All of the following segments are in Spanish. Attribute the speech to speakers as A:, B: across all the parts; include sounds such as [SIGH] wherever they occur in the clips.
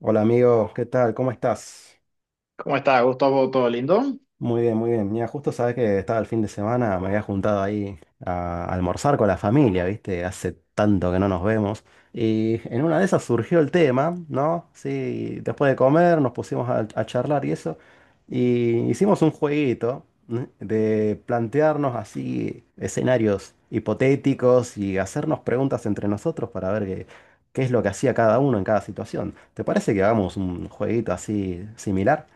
A: Hola amigo, ¿qué tal? ¿Cómo estás?
B: ¿Cómo está, Gustavo? ¿Todo lindo?
A: Muy bien, muy bien. Mira, justo sabes que estaba el fin de semana, me había juntado ahí a almorzar con la familia, ¿viste? Hace tanto que no nos vemos. Y en una de esas surgió el tema, ¿no? Sí, después de comer nos pusimos a charlar y eso. Y hicimos un jueguito, ¿no? De plantearnos así escenarios hipotéticos y hacernos preguntas entre nosotros para ver qué es lo que hacía cada uno en cada situación. ¿Te parece que hagamos un jueguito así similar?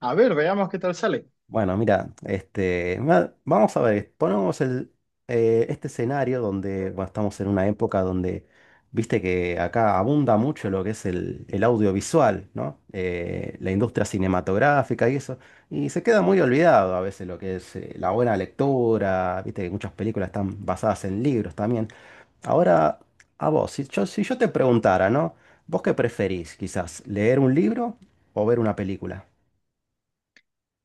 B: A ver, veamos qué tal sale.
A: Bueno, mira, este, vamos a ver, ponemos este escenario donde bueno, estamos en una época viste que acá abunda mucho lo que es el audiovisual, ¿no? La industria cinematográfica y eso, y se queda muy olvidado a veces lo que es la buena lectura, viste que muchas películas están basadas en libros también. Ahora, a vos, si yo te preguntara, ¿no? ¿Vos qué preferís, quizás, leer un libro o ver una película?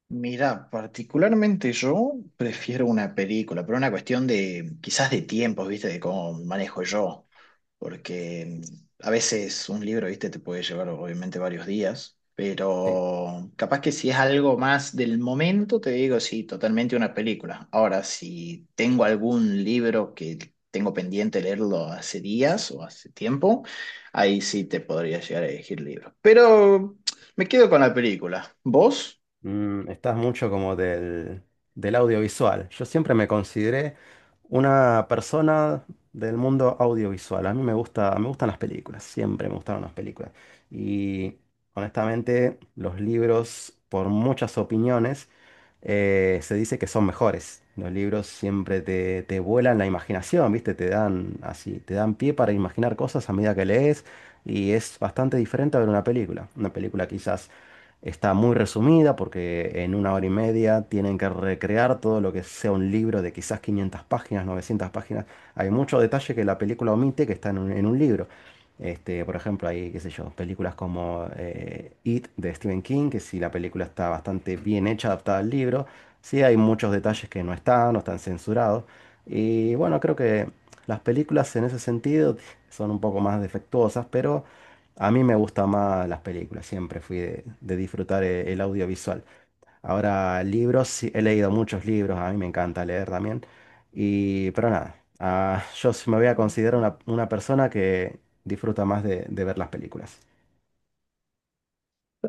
B: Mira, particularmente yo prefiero una película, pero una cuestión de quizás de tiempos, ¿viste? De cómo me manejo yo, porque a veces un libro, ¿viste? Te puede llevar obviamente varios días,
A: Sí.
B: pero capaz que si es algo más del momento, te digo, sí, totalmente una película. Ahora, si tengo algún libro que tengo pendiente leerlo hace días o hace tiempo, ahí sí te podría llegar a elegir libro. Pero me quedo con la película. ¿Vos?
A: Mm, estás mucho como del audiovisual. Yo siempre me consideré una persona del mundo audiovisual. A mí me gusta, me gustan las películas, siempre me gustaron las películas. Y honestamente, los libros, por muchas opiniones, se dice que son mejores. Los libros siempre te, te vuelan la imaginación, ¿viste? Te dan así, te dan pie para imaginar cosas a medida que lees. Y es bastante diferente a ver una película. Una película quizás está muy resumida porque en una hora y media tienen que recrear todo lo que sea un libro de quizás 500 páginas, 900 páginas. Hay mucho detalle que la película omite que está en en un libro. Este, por ejemplo, hay, qué sé yo, películas como It de Stephen King, que si la película está bastante bien hecha, adaptada al libro, sí hay muchos detalles que no están, no están censurados. Y bueno, creo que las películas en ese sentido son un poco más defectuosas, pero... A mí me gustan más las películas, siempre fui de disfrutar el audiovisual. Ahora, libros, sí, he leído muchos libros, a mí me encanta leer también. Y, pero nada, yo sí me voy a considerar una persona que disfruta más de ver las películas.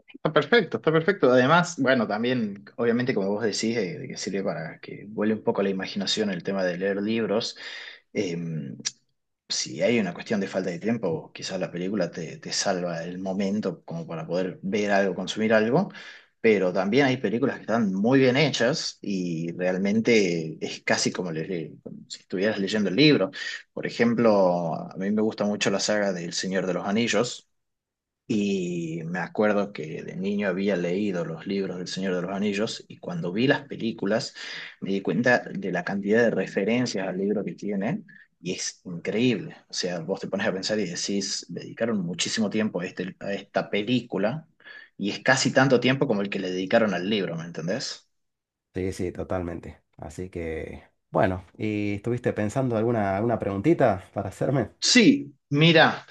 B: Está perfecto, está perfecto. Además, bueno, también, obviamente, como vos decís, de que sirve para que vuele un poco la imaginación el tema de leer libros. Eh, si hay una cuestión de falta de tiempo, quizás la película te salva el momento como para poder ver algo, consumir algo, pero también hay películas que están muy bien hechas y realmente es casi como, como si estuvieras leyendo el libro. Por ejemplo, a mí me gusta mucho la saga del Señor de los Anillos. Y me acuerdo que de niño había leído los libros del Señor de los Anillos y cuando vi las películas me di cuenta de la cantidad de referencias al libro que tienen y es increíble. O sea, vos te pones a pensar y decís, dedicaron muchísimo tiempo a, este, a esta película y es casi tanto tiempo como el que le dedicaron al libro, ¿me entendés?
A: Sí, sí, totalmente. Así que, bueno, ¿y estuviste pensando alguna, alguna preguntita para hacerme?
B: Sí, mira.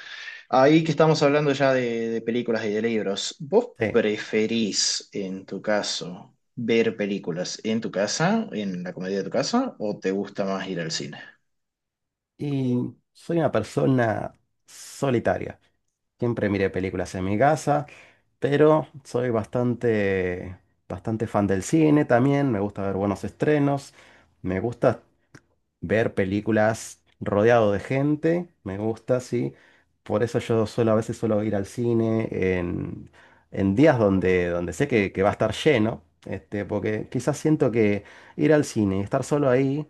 B: Ahí que estamos hablando ya de películas y de libros, ¿vos
A: Sí.
B: preferís, en tu caso, ver películas en tu casa, en la comedia de tu casa, o te gusta más ir al cine?
A: Y soy una persona solitaria. Siempre miré películas en mi casa, pero soy bastante, bastante fan del cine también, me gusta ver buenos estrenos, me gusta ver películas rodeado de gente, me gusta, sí. Por eso yo suelo, a veces suelo ir al cine en días donde, donde sé que va a estar lleno, este, porque quizás siento que ir al cine y estar solo ahí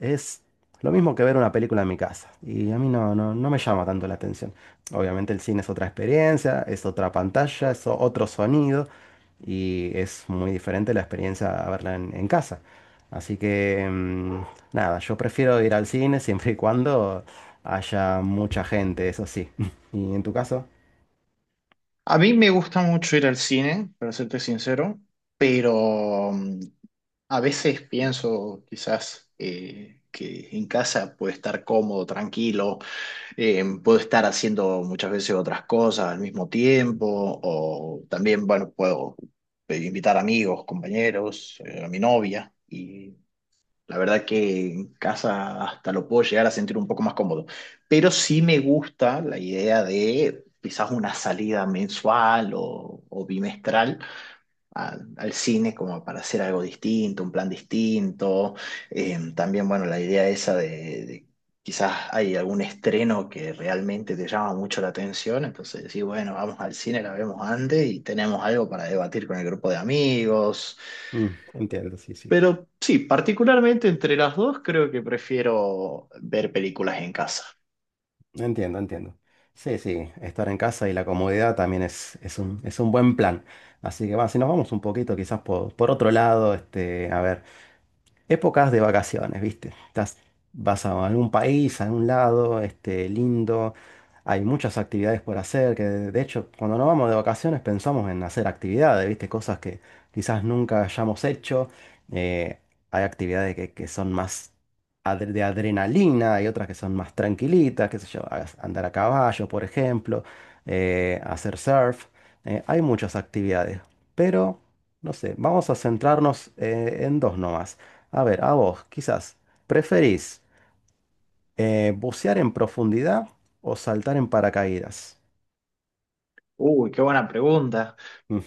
A: es lo mismo que ver una película en mi casa. Y a mí no, no, no me llama tanto la atención. Obviamente el cine es otra experiencia, es otra pantalla, es otro sonido y es muy diferente la experiencia a verla en casa. Así que, mm, nada, yo prefiero ir al cine siempre y cuando haya mucha gente, eso sí. [LAUGHS] ¿Y en tu caso?
B: A mí me gusta mucho ir al cine, para serte sincero, pero a veces pienso quizás que en casa puede estar cómodo, tranquilo. Puedo estar haciendo muchas veces otras cosas al mismo tiempo, o también, bueno, puedo invitar amigos, compañeros, a mi novia, y la verdad que en casa hasta lo puedo llegar a sentir un poco más cómodo. Pero sí me gusta la idea de quizás una salida mensual o bimestral al cine como para hacer algo distinto, un plan distinto. También, bueno, la idea esa de quizás hay algún estreno que realmente te llama mucho la atención, entonces decís, bueno, vamos al cine, la vemos antes y tenemos algo para debatir con el grupo de amigos.
A: Mm, entiendo, sí, sí.
B: Pero sí, particularmente entre las dos creo que prefiero ver películas en casa.
A: Entiendo, entiendo. Sí, sí, estar en casa y la comodidad también es un buen plan. Así que, va, si nos vamos un poquito quizás por otro lado, este, a ver. Épocas de vacaciones, ¿viste? Estás, vas a algún país, a algún lado, este, lindo. Hay muchas actividades por hacer, que de hecho, cuando nos vamos de vacaciones pensamos en hacer actividades, ¿viste? Cosas que quizás nunca hayamos hecho. Eh, Hay actividades que son más de adrenalina, hay otras que son más tranquilitas, qué sé yo, andar a caballo, por ejemplo, hacer surf. Hay muchas actividades, pero no sé, vamos a centrarnos en dos nomás. A ver, a vos, quizás, ¿preferís bucear en profundidad o saltar en paracaídas?
B: Uy, qué buena pregunta.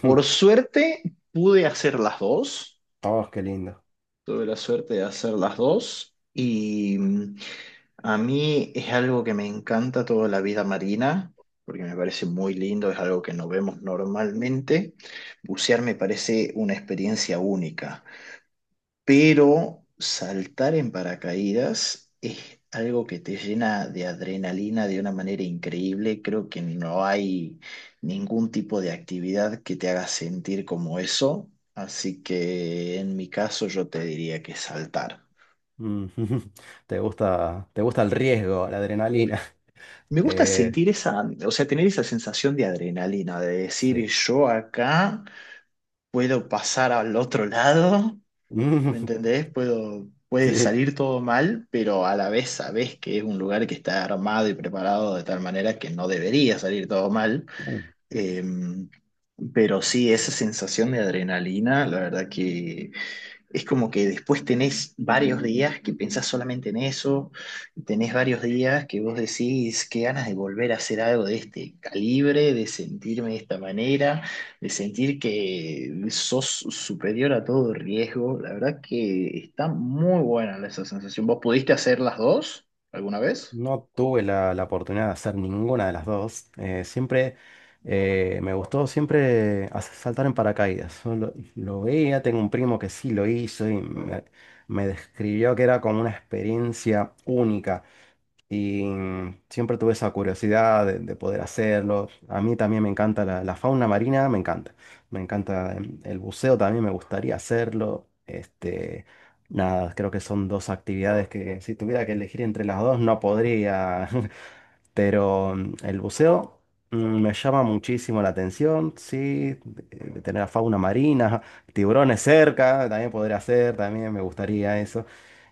B: Por suerte pude hacer las dos.
A: Oh, qué lindo.
B: Tuve la suerte de hacer las dos y a mí es algo que me encanta toda la vida marina, porque me parece muy lindo, es algo que no vemos normalmente. Bucear me parece una experiencia única, pero saltar en paracaídas es algo que te llena de adrenalina de una manera increíble. Creo que no hay ningún tipo de actividad que te haga sentir como eso, así que en mi caso yo te diría que saltar.
A: Ujú. [LAUGHS] Te gusta el riesgo, la adrenalina. [LAUGHS]
B: Me gusta
A: Eh,
B: sentir esa, o sea, tener esa sensación de adrenalina, de decir
A: sí.
B: yo acá puedo pasar al otro lado. ¿Me
A: Ujú. [LAUGHS]
B: entendés? Puedo, puede
A: Sí.
B: salir todo mal, pero a la vez sabés que es un lugar que está armado y preparado de tal manera que no debería salir todo mal. Eh, pero sí, esa sensación de adrenalina, la verdad que es como que después tenés varios días que pensás solamente en eso, tenés varios días que vos decís qué ganas de volver a hacer algo de este calibre, de sentirme de esta manera, de sentir que sos superior a todo riesgo. La verdad que está muy buena esa sensación. ¿Vos pudiste hacer las dos alguna vez?
A: No tuve la, la oportunidad de hacer ninguna de las dos. Siempre me gustó siempre saltar en paracaídas. Solo lo veía, tengo un primo que sí lo hizo y me describió que era como una experiencia única. Y mm, siempre tuve esa curiosidad de poder hacerlo. A mí también me encanta la, la fauna marina, me encanta. Me encanta el buceo, también me gustaría hacerlo. Este, nada, creo que son dos actividades que si tuviera que elegir entre las dos no podría. [LAUGHS] Pero mm, el buceo mm, me llama muchísimo la atención, sí, de tener a fauna marina, [LAUGHS] tiburones cerca, también podría hacer, también me gustaría eso.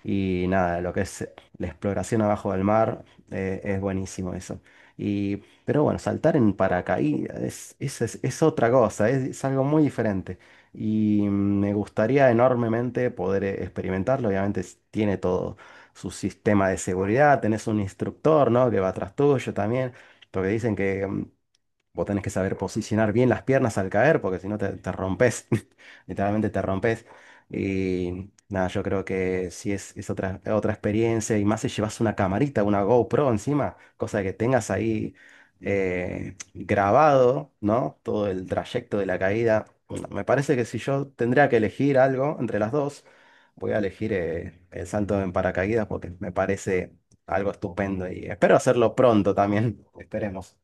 A: Y nada, lo que es la exploración abajo del mar, es buenísimo eso. Y, pero bueno, saltar en paracaídas es, es otra cosa, es algo muy diferente. Y mm, me gustaría enormemente poder experimentarlo, obviamente tiene todo su sistema de seguridad, tenés un instructor, ¿no? Que va atrás tuyo también, porque dicen que mm, vos tenés que saber posicionar bien las piernas al caer, porque si no te, te rompes, [LAUGHS] literalmente te rompes. Y nada, yo creo que sí es otra, otra experiencia, y más si llevas una camarita, una GoPro encima, cosa que tengas ahí grabado, ¿no? Todo el trayecto de la caída. Bueno, me parece que si yo tendría que elegir algo entre las dos, voy a elegir el salto en paracaídas porque me parece algo estupendo y espero hacerlo pronto también, [LAUGHS] esperemos.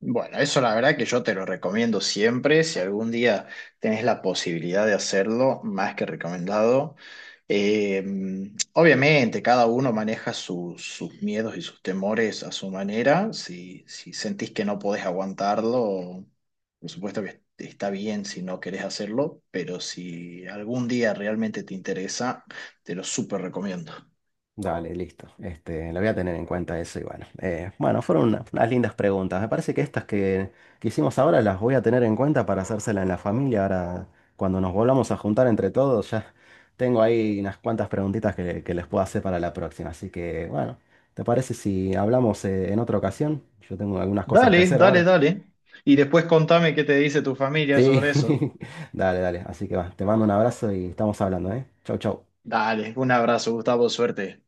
B: Bueno, eso la verdad que yo te lo recomiendo siempre. Si algún día tenés la posibilidad de hacerlo, más que recomendado. Eh, Obviamente, cada uno maneja sus miedos y sus temores a su manera. Si sentís que no podés aguantarlo, por supuesto que está bien si no querés hacerlo, pero si algún día realmente te interesa, te lo súper recomiendo.
A: Dale, listo. Este, lo voy a tener en cuenta eso y bueno. Bueno, fueron unas lindas preguntas. Me parece que estas que hicimos ahora las voy a tener en cuenta para hacérsela en la familia. Ahora, cuando nos volvamos a juntar entre todos, ya tengo ahí unas cuantas preguntitas que les puedo hacer para la próxima. Así que, bueno, ¿te parece si hablamos en otra ocasión? Yo tengo algunas cosas que
B: Dale,
A: hacer
B: dale,
A: ahora.
B: dale. Y después contame qué te dice tu familia
A: Sí,
B: sobre eso.
A: [LAUGHS] dale, dale. Así que va, te mando un abrazo y estamos hablando, ¿eh? Chau, chau.
B: Dale, un abrazo, Gustavo, suerte.